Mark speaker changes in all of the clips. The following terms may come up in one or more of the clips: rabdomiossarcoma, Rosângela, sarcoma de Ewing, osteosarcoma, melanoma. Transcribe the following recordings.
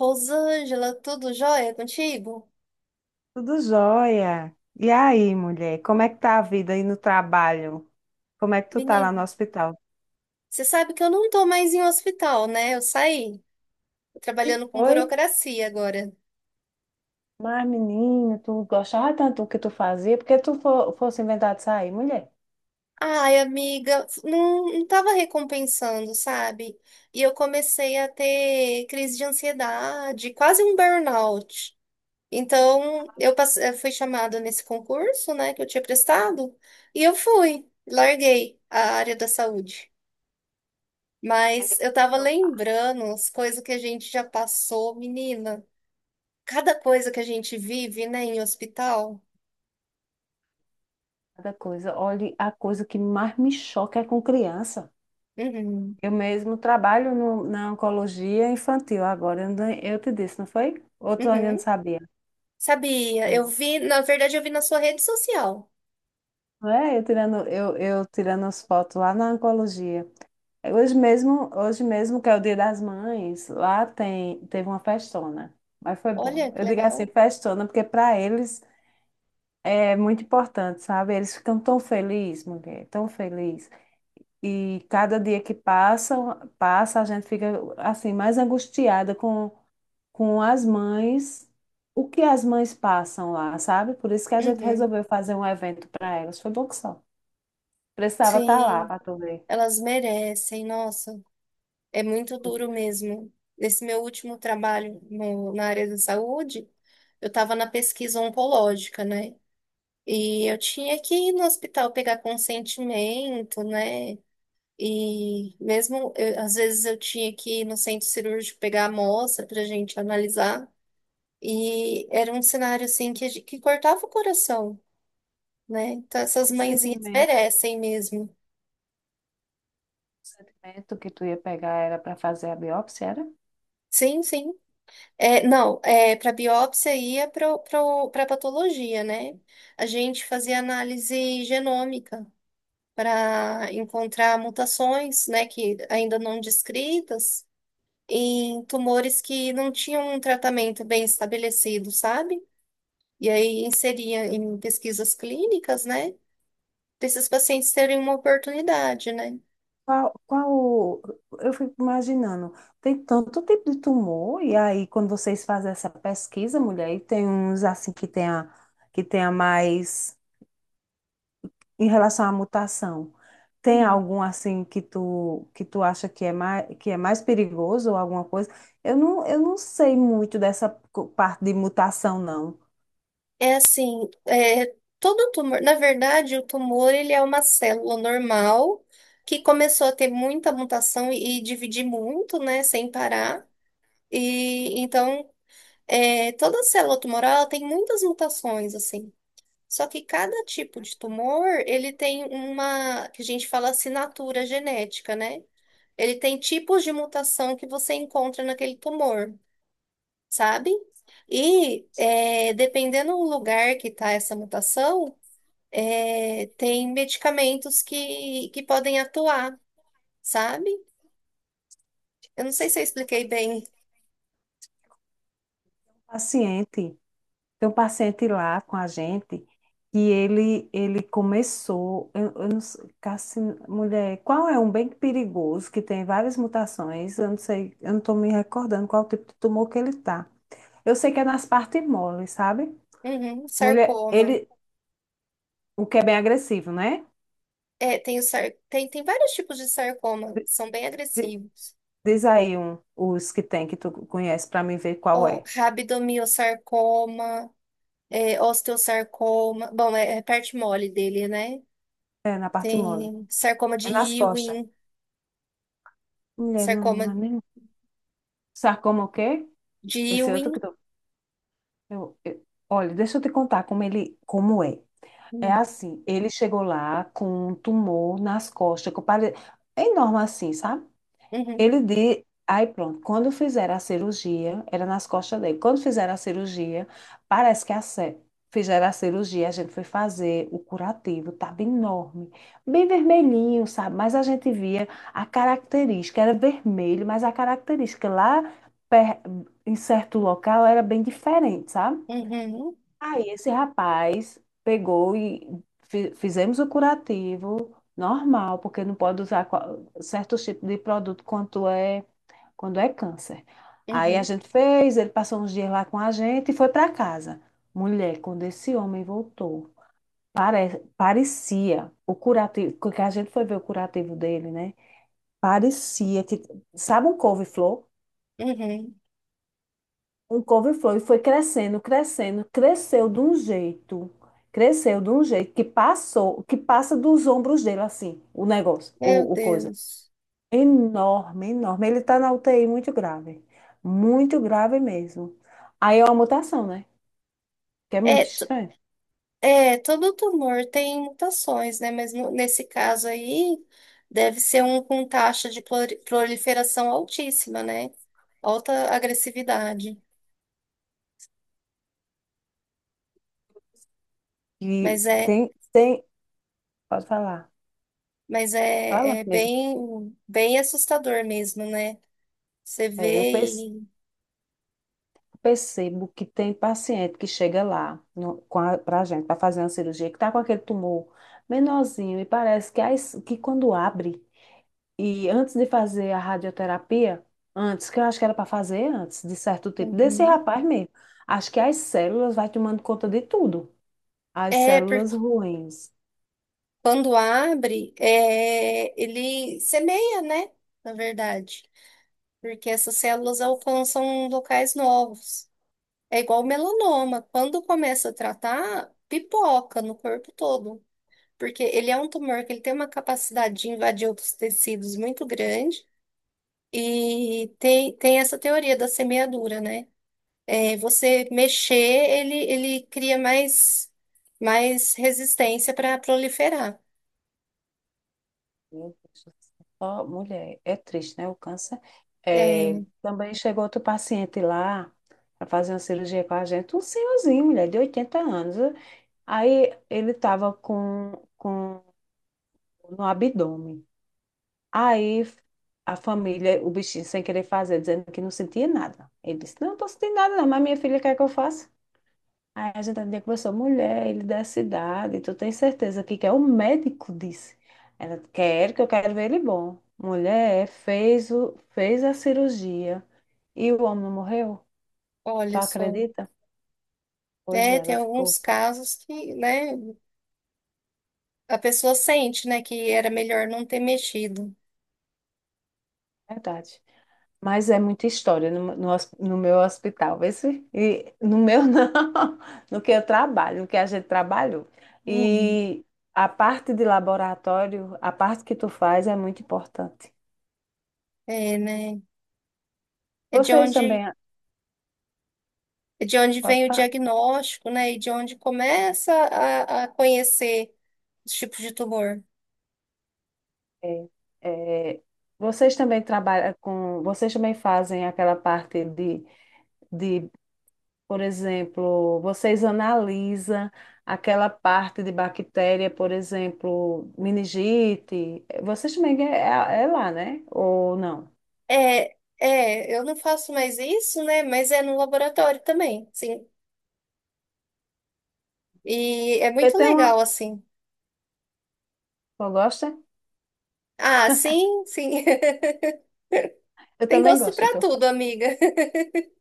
Speaker 1: Rosângela, tudo jóia contigo?
Speaker 2: Tudo jóia. E aí, mulher, como é que tá a vida aí no trabalho? Como é que tu tá lá no
Speaker 1: Menino,
Speaker 2: hospital?
Speaker 1: você sabe que eu não tô mais em hospital, né? Eu saí. Tô
Speaker 2: E
Speaker 1: trabalhando com
Speaker 2: foi,
Speaker 1: burocracia agora.
Speaker 2: mas menina, tu gostava tanto do que tu fazia, porque tu fosse inventar de sair, mulher.
Speaker 1: Ai, amiga, não, não tava recompensando, sabe? E eu comecei a ter crise de ansiedade, quase um burnout. Então, eu fui chamada nesse concurso, né, que eu tinha prestado, e eu fui, larguei a área da saúde. Mas eu tava lembrando as coisas que a gente já passou, menina. Cada coisa que a gente vive, né, em hospital.
Speaker 2: Cada coisa, olha, a coisa que mais me choca é com criança.
Speaker 1: Uhum,
Speaker 2: Eu mesmo trabalho na oncologia infantil agora, eu te disse, não foi? Ou tu ainda não
Speaker 1: uhum.
Speaker 2: sabia?
Speaker 1: Sabia, eu vi, na verdade, eu vi na sua rede social.
Speaker 2: Não é? Eu tirando, eu tirando as fotos lá na oncologia. Hoje mesmo, que é o Dia das Mães, lá teve uma festona, mas foi bom.
Speaker 1: Olha que
Speaker 2: Eu digo
Speaker 1: legal.
Speaker 2: assim, festona, porque para eles é muito importante, sabe? Eles ficam tão felizes, mulher, tão felizes. E cada dia que passa, a gente fica assim mais angustiada com as mães, o que as mães passam lá, sabe? Por isso que a gente
Speaker 1: Uhum.
Speaker 2: resolveu fazer um evento para elas. Foi bom que só. Precisava estar lá
Speaker 1: Sim,
Speaker 2: para tu ver.
Speaker 1: elas merecem, nossa. É muito duro mesmo. Nesse meu último trabalho na área da saúde, eu estava na pesquisa oncológica, né? E eu tinha que ir no hospital pegar consentimento, né? E mesmo, às vezes eu tinha que ir no centro cirúrgico pegar a amostra para a gente analisar. E era um cenário assim que, que cortava o coração, né? Então essas mãezinhas
Speaker 2: Sentimento.
Speaker 1: merecem mesmo.
Speaker 2: Procedimento que tu ia pegar era para fazer a biópsia, era?
Speaker 1: Sim, sim. É, não, é, para biópsia ia para patologia, né? A gente fazia análise genômica para encontrar mutações, né, que ainda não descritas. Em tumores que não tinham um tratamento bem estabelecido, sabe? E aí inseria em pesquisas clínicas, né? Para esses pacientes terem uma oportunidade, né?
Speaker 2: Qual, qual, eu fico imaginando, tem tanto tipo de tumor, e aí quando vocês fazem essa pesquisa, mulher, e tem uns assim que tenha mais em relação à mutação. Tem
Speaker 1: Uhum.
Speaker 2: algum assim que tu acha que que é mais perigoso ou alguma coisa? Eu não sei muito dessa parte de mutação, não.
Speaker 1: É assim, é, todo tumor, na verdade, o tumor ele é uma célula normal que começou a ter muita mutação e dividir muito, né, sem parar. E então, é, toda célula tumoral ela tem muitas mutações, assim. Só que cada tipo de tumor, ele tem uma, que a gente fala assinatura genética, né? Ele tem tipos de mutação que você encontra naquele tumor, sabe? E é, dependendo do lugar que está essa mutação, é, tem medicamentos que podem atuar, sabe? Eu não sei se eu expliquei bem.
Speaker 2: Paciente. Tem um paciente lá com a gente que ele começou, eu não sei, mulher, qual é um bem perigoso que tem várias mutações? Eu não sei, eu não estou me recordando qual tipo de tumor que ele tá. Eu sei que é nas partes moles, sabe?
Speaker 1: Uhum,
Speaker 2: Mulher,
Speaker 1: sarcoma.
Speaker 2: ele, o que é bem agressivo, né?
Speaker 1: É, tem, tem, tem vários tipos de sarcoma, são bem
Speaker 2: Di-
Speaker 1: agressivos.
Speaker 2: Diz aí um, os que tem que tu conhece para mim ver qual
Speaker 1: Ó,
Speaker 2: é.
Speaker 1: rabdomiossarcoma. É, osteosarcoma. Bom, é, é parte mole dele, né?
Speaker 2: É na parte mole.
Speaker 1: Tem sarcoma
Speaker 2: É
Speaker 1: de
Speaker 2: nas costas.
Speaker 1: Ewing,
Speaker 2: Mulher, não,
Speaker 1: sarcoma
Speaker 2: não é nem. Sarcoma o quê?
Speaker 1: de
Speaker 2: Esse outro que
Speaker 1: Ewing.
Speaker 2: Olha, deixa eu te contar como ele, como é. É
Speaker 1: Hum,
Speaker 2: assim, ele chegou lá com um tumor nas costas, é enorme assim, sabe?
Speaker 1: Uhum,
Speaker 2: Aí pronto, quando fizeram a cirurgia, era nas costas dele. Quando fizeram a cirurgia, parece que a ce- fizeram a cirurgia, a gente foi fazer o curativo, tava enorme, bem vermelhinho, sabe? Mas a gente via a característica, era vermelho, mas a característica lá per- em certo local era bem diferente, sabe?
Speaker 1: uhum,
Speaker 2: Aí esse rapaz pegou e fizemos o curativo normal, porque não pode usar certos tipos de produto quando é câncer. Aí a
Speaker 1: uhum,
Speaker 2: gente fez, ele passou uns dias lá com a gente e foi para casa. Mulher, quando esse homem voltou, parecia o curativo, porque a gente foi ver o curativo dele, né? Parecia que, sabe um couve-flor?
Speaker 1: uhum.
Speaker 2: Um couve-flor e foi crescendo, crescendo, cresceu de um jeito, cresceu de um jeito que passou, que passa dos ombros dele assim, o negócio,
Speaker 1: Meu
Speaker 2: o coisa.
Speaker 1: Deus.
Speaker 2: Enorme, enorme. Ele tá na UTI muito grave mesmo. Aí é uma mutação, né? Que é
Speaker 1: É,
Speaker 2: muito
Speaker 1: t-
Speaker 2: estranho.
Speaker 1: É, todo tumor tem mutações, né? Mas nesse caso aí, deve ser um com taxa de proliferação altíssima, né? Alta agressividade.
Speaker 2: E
Speaker 1: Mas é,
Speaker 2: tem, pode falar,
Speaker 1: mas
Speaker 2: fala,
Speaker 1: é, é
Speaker 2: nega.
Speaker 1: bem, bem assustador mesmo, né? Você
Speaker 2: É, eu
Speaker 1: vê e.
Speaker 2: percebo que tem paciente que chega lá no, com a, pra gente, para fazer uma cirurgia, que tá com aquele tumor menorzinho e parece que, que quando abre, e antes de fazer a radioterapia, antes, que eu acho que era para fazer antes, de certo tipo, desse
Speaker 1: Uhum.
Speaker 2: rapaz mesmo, acho que as células vai tomando conta de tudo. As
Speaker 1: É, porque
Speaker 2: células ruins.
Speaker 1: quando abre, é, ele semeia, né? Na verdade. Porque essas células alcançam locais novos. É igual o melanoma. Quando começa a tratar, pipoca no corpo todo. Porque ele é um tumor que ele tem uma capacidade de invadir outros tecidos muito grande. E tem essa teoria da semeadura, né? É, você mexer, ele cria mais, mais resistência para proliferar.
Speaker 2: Meu Deus do céu. Ó, mulher, é triste, né? O câncer. É,
Speaker 1: É,
Speaker 2: também chegou outro paciente lá para fazer uma cirurgia com a gente, um senhorzinho, mulher, de 80 anos. Aí ele estava com no abdômen. Aí a família, o bichinho sem querer fazer, dizendo que não sentia nada. Ele disse, não, estou sentindo nada não, mas minha filha quer que eu faça. Aí a gente ainda conversou, mulher, ele da cidade, tu tem certeza que quer? O médico disse. Ela, quer que eu quero ver ele bom. Mulher, fez, fez a cirurgia e o homem não morreu. Tu
Speaker 1: olha só.
Speaker 2: acredita? Pois é,
Speaker 1: É, tem
Speaker 2: ela
Speaker 1: alguns
Speaker 2: ficou,
Speaker 1: casos que, né, a pessoa sente, né, que era melhor não ter mexido.
Speaker 2: verdade. Mas é muita história no meu hospital, vê se- e no meu não, no que eu trabalho, no que a gente trabalhou.
Speaker 1: Uhum.
Speaker 2: E a parte de laboratório, a parte que tu faz é muito importante.
Speaker 1: É, né? É de
Speaker 2: Vocês
Speaker 1: onde,
Speaker 2: também,
Speaker 1: é de onde
Speaker 2: pode
Speaker 1: vem o
Speaker 2: falar?
Speaker 1: diagnóstico, né, e de onde começa a conhecer os tipos de tumor.
Speaker 2: É, é, vocês também trabalham com, vocês também fazem aquela parte de. Por exemplo, vocês analisam aquela parte de bactéria, por exemplo, meningite. Vocês também é lá, né? Ou não?
Speaker 1: É, é, eu não faço mais isso, né, mas é no laboratório também. Sim, e é
Speaker 2: Eu
Speaker 1: muito
Speaker 2: tenho uma.
Speaker 1: legal, assim.
Speaker 2: Eu gosto?
Speaker 1: Ah, sim, sim.
Speaker 2: Eu
Speaker 1: Tem
Speaker 2: também
Speaker 1: gosto pra
Speaker 2: gosto do que eu
Speaker 1: tudo,
Speaker 2: faço.
Speaker 1: amiga.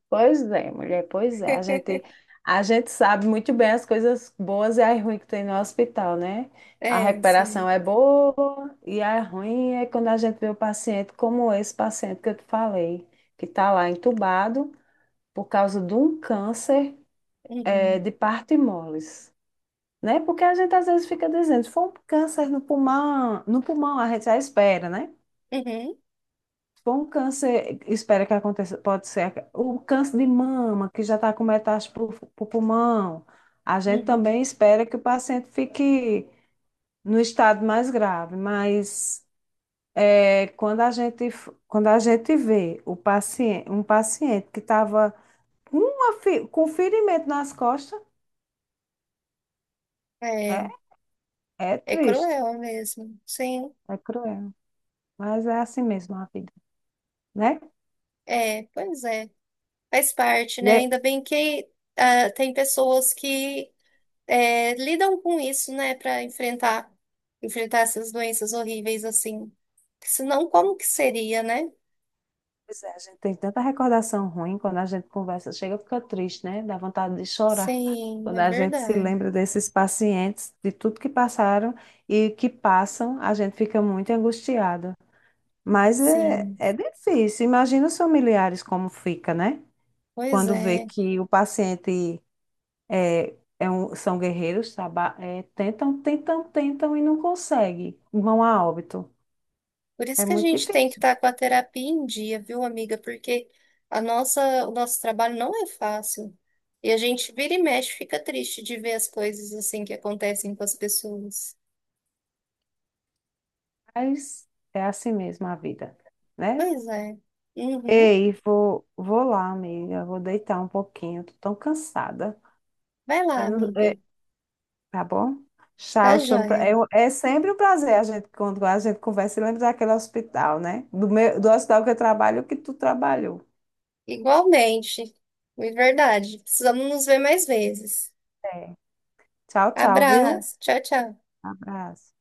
Speaker 2: Pois é, mulher, pois é. A gente, a gente sabe muito bem as coisas boas e as ruins que tem no hospital, né? A
Speaker 1: É, sim.
Speaker 2: recuperação é boa e a ruim é quando a gente vê o paciente como esse paciente que eu te falei, que está lá entubado por causa de um câncer é,
Speaker 1: Uhum,
Speaker 2: de parto e moles, né? Porque a gente às vezes fica dizendo, se for um câncer no pulmão, no pulmão a gente já espera, né?
Speaker 1: uhum,
Speaker 2: Se for um câncer, espera que aconteça, pode ser o câncer de mama, que já está com metástase para o pulmão, a gente
Speaker 1: uhum.
Speaker 2: também espera que o paciente fique no estado mais grave, mas é, quando a gente vê o paciente, um paciente que estava com um ferimento nas costas, é,
Speaker 1: É,
Speaker 2: é
Speaker 1: é
Speaker 2: triste,
Speaker 1: cruel mesmo. Sim,
Speaker 2: é cruel. Mas é assim mesmo a vida, né?
Speaker 1: é, pois é. Faz parte, né?
Speaker 2: Né?
Speaker 1: Ainda bem que ah, tem pessoas que é, lidam com isso, né, pra enfrentar, enfrentar essas doenças horríveis assim. Senão, como que seria, né?
Speaker 2: Pois é, a gente tem tanta recordação ruim quando a gente conversa, chega, fica triste, né? Dá vontade de chorar.
Speaker 1: Sim,
Speaker 2: Quando
Speaker 1: é
Speaker 2: a gente se
Speaker 1: verdade.
Speaker 2: lembra desses pacientes, de tudo que passaram e que passam, a gente fica muito angustiado. Mas é,
Speaker 1: Sim,
Speaker 2: é difícil. Imagina os familiares como fica, né?
Speaker 1: pois
Speaker 2: Quando vê
Speaker 1: é.
Speaker 2: que o paciente são guerreiros, tentam, tentam, tentam e não conseguem, vão a óbito.
Speaker 1: Por isso
Speaker 2: É
Speaker 1: que a
Speaker 2: muito
Speaker 1: gente tem que
Speaker 2: difícil.
Speaker 1: estar com a terapia em dia, viu, amiga? Porque a nossa, o nosso trabalho não é fácil. E a gente vira e mexe, fica triste de ver as coisas assim que acontecem com as pessoas.
Speaker 2: Mas é assim mesmo a vida, né?
Speaker 1: Pois é. Uhum.
Speaker 2: Ei, vou lá, amiga. Vou deitar um pouquinho. Tô tão cansada.
Speaker 1: Vai lá,
Speaker 2: Eu não- é,
Speaker 1: amiga.
Speaker 2: tá bom?
Speaker 1: Tá
Speaker 2: Tchau. Foi um pra-
Speaker 1: joia.
Speaker 2: é, é sempre um prazer a gente, quando a gente conversa e lembra daquele hospital, né? Do hospital que eu trabalho, que tu trabalhou.
Speaker 1: Igualmente. É verdade. Precisamos nos ver mais vezes.
Speaker 2: É. Tchau, tchau, viu?
Speaker 1: Abraço. Tchau, tchau.
Speaker 2: Abraço.